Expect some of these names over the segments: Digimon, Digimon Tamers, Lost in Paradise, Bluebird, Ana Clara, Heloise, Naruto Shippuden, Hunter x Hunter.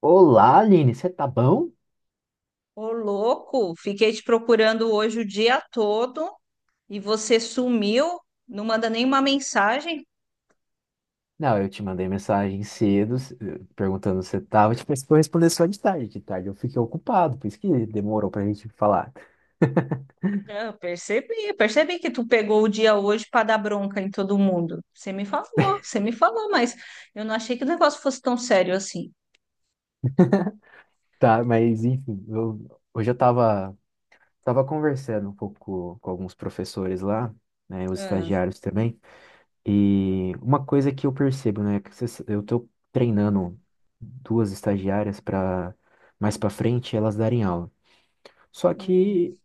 Olá, Aline, você tá bom? Ô, louco, fiquei te procurando hoje o dia todo e você sumiu, não manda nenhuma mensagem. Não, eu te mandei mensagem cedo, perguntando se você tava, tipo, você foi responder só de tarde. De tarde eu fiquei ocupado, por isso que demorou pra gente falar. Eu percebi que tu pegou o dia hoje para dar bronca em todo mundo. Você me falou, mas eu não achei que o negócio fosse tão sério assim. Tá, mas enfim, hoje eu tava conversando um pouco com alguns professores lá, né, os Ah, estagiários também, e uma coisa que eu percebo, né, que eu tô treinando duas estagiárias para mais pra frente elas darem aula. Só hum, que,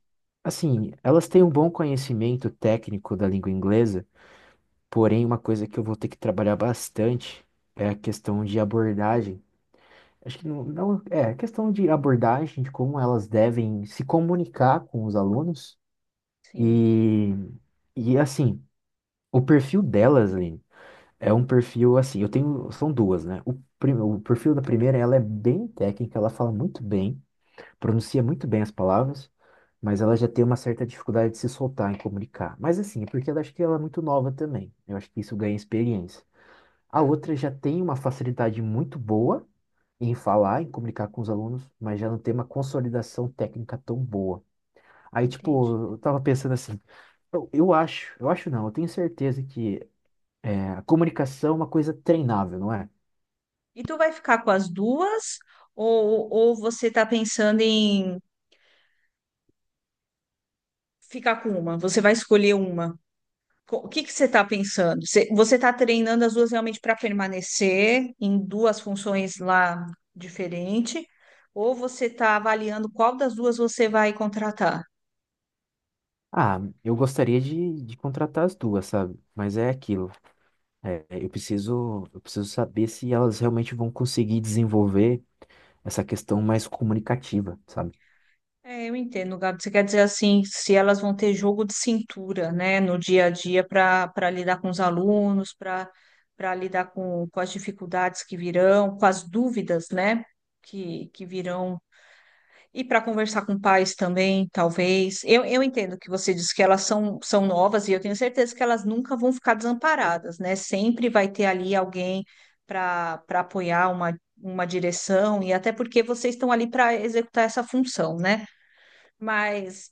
assim, elas têm um bom conhecimento técnico da língua inglesa, porém, uma coisa que eu vou ter que trabalhar bastante é a questão de abordagem. Acho que não, não é a questão de abordagem, de como elas devem se comunicar com os alunos. sim, E, e assim, o perfil delas, Aline, é um perfil assim, eu tenho, são duas, né? O, o perfil da primeira, ela é bem técnica, ela fala muito bem, pronuncia muito bem as palavras, mas ela já tem uma certa dificuldade de se soltar em comunicar. Mas assim, é porque ela, acho que ela é muito nova também. Eu acho que isso ganha experiência. A tá, outra já tem uma facilidade muito boa em falar, em comunicar com os alunos, mas já não tem uma consolidação técnica tão boa. Aí, entendi. tipo, eu tava pensando assim, eu acho, eu acho não, eu tenho certeza que é, a comunicação é uma coisa treinável, não é? E tu vai ficar com as duas ou você tá pensando em ficar com uma? Você vai escolher uma? O que que você está pensando? Você está treinando as duas realmente para permanecer em duas funções lá diferente, ou você está avaliando qual das duas você vai contratar? Ah, eu gostaria de contratar as duas, sabe? Mas é aquilo. É, eu preciso saber se elas realmente vão conseguir desenvolver essa questão mais comunicativa, sabe? É, eu entendo, Gabi. Você quer dizer assim, se elas vão ter jogo de cintura, né, no dia a dia para lidar com os alunos, para lidar com as dificuldades que virão, com as dúvidas, né, que virão. E para conversar com pais também, talvez. Eu entendo que você disse que elas são, são novas e eu tenho certeza que elas nunca vão ficar desamparadas, né? Sempre vai ter ali alguém para apoiar uma direção e até porque vocês estão ali para executar essa função, né? Mas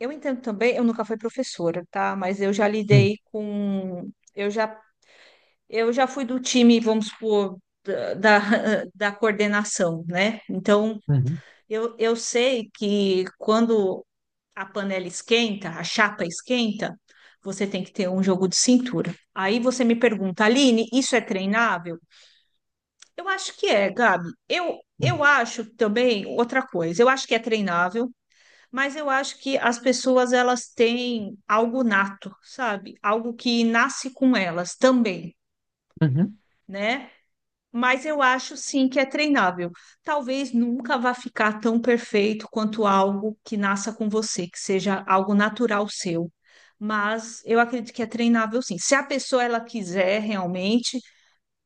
eu entendo também, eu nunca fui professora, tá? Mas eu já Hum. lidei com. Eu já, eu já fui do time, vamos supor, da da coordenação, né? Então. Uhum, Eu sei que quando a panela esquenta, a chapa esquenta, você tem que ter um jogo de cintura. Aí você me pergunta, Aline, isso é treinável? Eu acho que é, Gabi. Eu, uhum, eu acho também outra coisa. Eu acho que é treinável, mas eu acho que as pessoas elas têm algo nato, sabe? Algo que nasce com elas também, uhum. né? Mas eu acho sim que é treinável. Talvez nunca vá ficar tão perfeito quanto algo que nasça com você, que seja algo natural seu. Mas eu acredito que é treinável sim. Se a pessoa ela quiser realmente,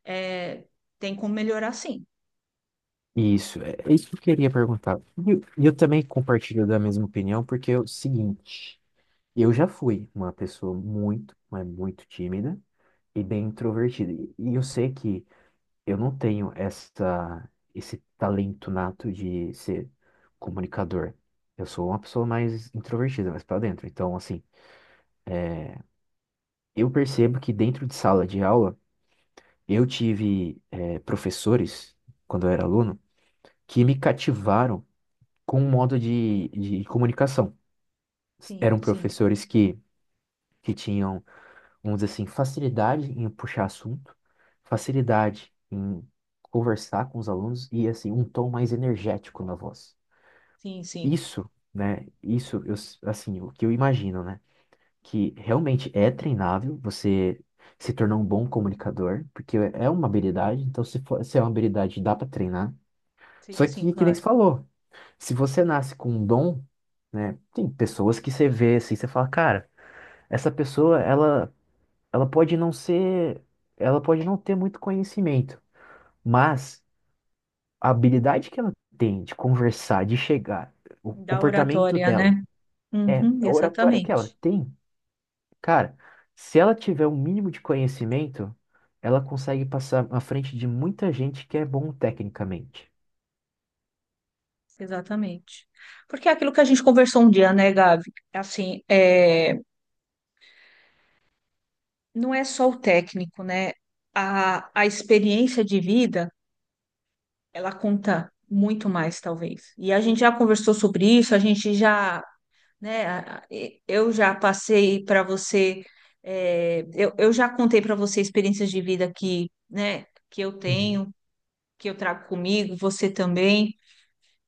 é, tem como melhorar sim. Isso, é é isso que eu queria perguntar. E eu também compartilho da mesma opinião, porque é o seguinte, eu já fui uma pessoa muito, mas muito tímida e bem introvertida. E eu sei que eu não tenho essa, esse talento nato de ser comunicador. Eu sou uma pessoa mais introvertida, mais para dentro. Então, assim, eu percebo que dentro de sala de aula, eu tive professores, quando eu era aluno, que me cativaram com um modo de comunicação. Sim, Eram sim, professores que tinham, vamos dizer assim, facilidade em puxar assunto, facilidade em conversar com os alunos e, assim, um tom mais energético na voz. sim, sim, Isso, né? Isso, eu, assim, o que eu imagino, né? Que realmente é treinável, você se tornar um bom comunicador, porque é uma habilidade, então se for, se é uma habilidade, dá para treinar. sim, Só sim, que nem você claro. falou, se você nasce com um dom, né, tem pessoas que você vê assim, você fala, cara, essa pessoa, ela pode não ser, ela pode não ter muito conhecimento, mas a habilidade que ela tem de conversar, de chegar, o Da comportamento oratória, dela, né? é, Uhum, a oratória que ela exatamente, tem. Cara, se ela tiver um mínimo de conhecimento, ela consegue passar à frente de muita gente que é bom tecnicamente. exatamente. Porque é aquilo que a gente conversou um dia, né, Gabi? Assim, é não é só o técnico, né? A experiência de vida, ela conta muito mais, talvez. E a gente já conversou sobre isso, a gente já, né? Eu já passei para você, é, eu já contei para você experiências de vida que, né, que eu Uhum, tenho, que eu trago comigo, você também.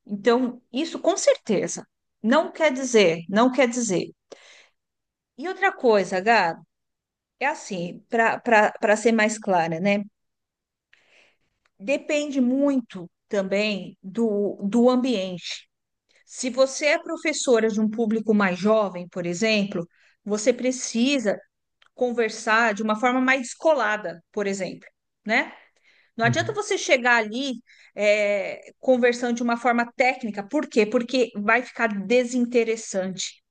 Então, isso com certeza. Não quer dizer. E outra coisa, Gab, é assim, para ser mais clara, né? Depende muito também do, do ambiente. Se você é professora de um público mais jovem, por exemplo, você precisa conversar de uma forma mais descolada, por exemplo, né? Não adianta uhum, você chegar ali é, conversando de uma forma técnica, por quê? Porque vai ficar desinteressante,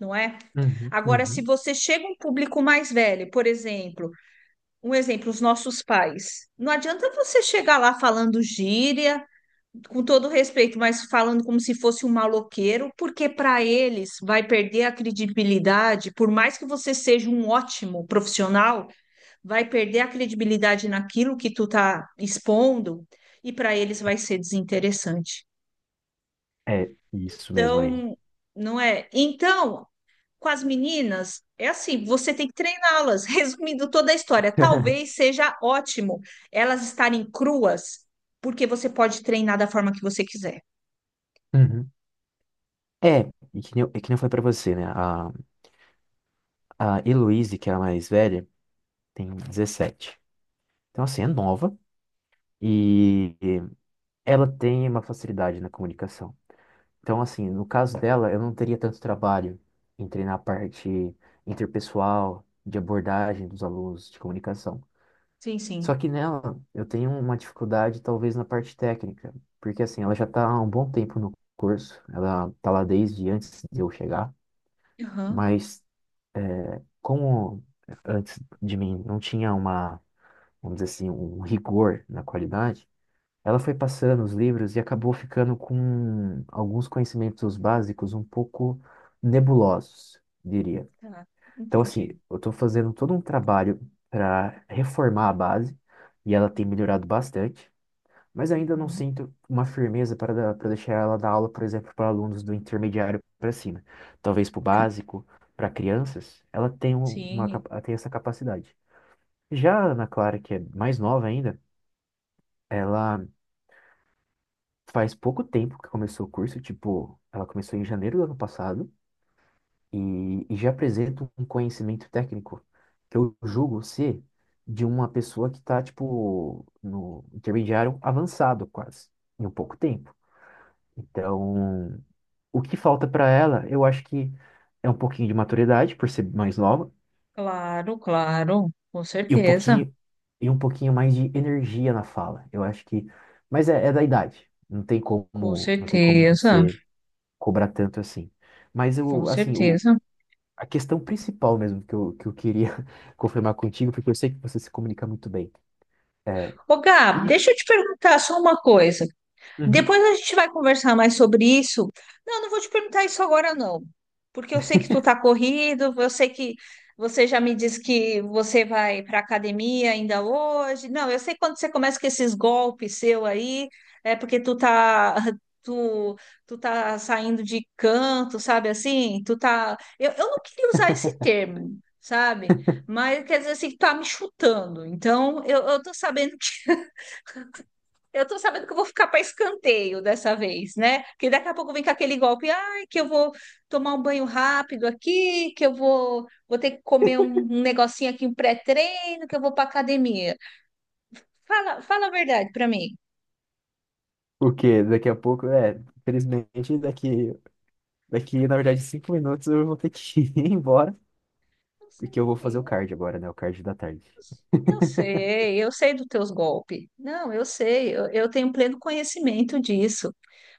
não é? uhum, Agora, se uhum. você chega a um público mais velho, por exemplo, um exemplo, os nossos pais, não adianta você chegar lá falando gíria com todo respeito, mas falando como se fosse um maloqueiro, porque para eles vai perder a credibilidade, por mais que você seja um ótimo profissional, vai perder a credibilidade naquilo que tu tá expondo e para eles vai ser desinteressante. É isso mesmo, Aline. Então, não é? Então, com as meninas, é assim, você tem que treiná-las. Resumindo toda a história, talvez seja ótimo elas estarem cruas, porque você pode treinar da forma que você quiser. Uhum. É, e que nem eu falei pra você, né? A Heloise, que é a mais velha, tem 17. Então, assim, é nova e ela tem uma facilidade na comunicação. Então, assim, no caso dela, eu não teria tanto trabalho em treinar a parte interpessoal, de abordagem dos alunos, de comunicação. Sim, Só sim. que nela, eu tenho uma dificuldade, talvez, na parte técnica, porque, assim, ela já está há um bom tempo no curso, ela está lá desde antes de eu chegar, Aham, mas é, como antes de mim não tinha uma, vamos dizer assim, um rigor na qualidade, ela foi passando os livros e acabou ficando com alguns conhecimentos básicos um pouco nebulosos, diria. tá. Então, assim, Entendi. eu estou fazendo todo um trabalho para reformar a base e ela tem melhorado bastante, mas ainda não Uhum. sinto uma firmeza para para deixar ela dar aula, por exemplo, para alunos do intermediário para cima. Talvez para o básico, para crianças, ela tem uma, Sim, ela tem essa capacidade. Já a Ana Clara, que é mais nova ainda, ela faz pouco tempo que começou o curso, tipo, ela começou em janeiro do ano passado e já apresenta um conhecimento técnico que eu julgo ser de uma pessoa que tá, tipo, no intermediário avançado quase, em um pouco tempo. Então, o que falta para ela, eu acho que é um pouquinho de maturidade, por ser mais nova, claro, claro. Com e um certeza. pouquinho, e um pouquinho mais de energia na fala. Eu acho que, mas é, é da idade. Não tem Com como, não tem como certeza. você cobrar tanto assim. Mas Com eu, assim, o, certeza. a questão principal mesmo que eu queria confirmar contigo, porque eu sei que você se comunica muito bem. É, Ô, Gab, e deixa eu te perguntar só uma coisa. uhum. Depois a gente vai conversar mais sobre isso. Não, não vou te perguntar isso agora, não. Porque eu sei que tu tá corrido, eu sei que você já me disse que você vai para academia ainda hoje. Não, eu sei quando você começa com esses golpes seu aí, é porque tu tá tu tu tá saindo de canto, sabe assim? Tu tá eu não queria usar esse termo, sabe? Mas quer dizer assim, que tá me chutando. Então, eu tô sabendo que eu vou ficar para escanteio dessa vez, né? Porque daqui a pouco vem com aquele golpe, ai, que eu vou tomar um banho rápido aqui, que eu vou, vou ter que comer um negocinho aqui, um pré-treino, que eu vou para academia. Fala a verdade para mim. O que daqui a pouco, é, infelizmente, na verdade, 5 minutos eu vou ter que ir embora, Não porque eu vou fazer o sei. card agora, né? O card da tarde. Eu sei dos teus golpes. Não, eu sei, eu tenho pleno conhecimento disso.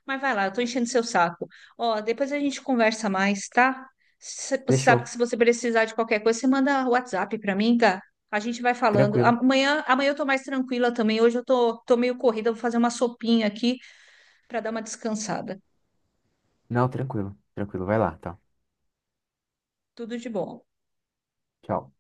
Mas vai lá, eu tô enchendo seu saco. Ó, depois a gente conversa mais, tá? Você sabe que Fechou. se você precisar de qualquer coisa, você manda WhatsApp pra mim, tá? A gente vai falando. Tranquilo. Amanhã eu tô mais tranquila também. Hoje eu tô, tô meio corrida, vou fazer uma sopinha aqui pra dar uma descansada. Não, tranquilo. Tranquilo. Vai lá, tá. Tudo de bom. Tchau.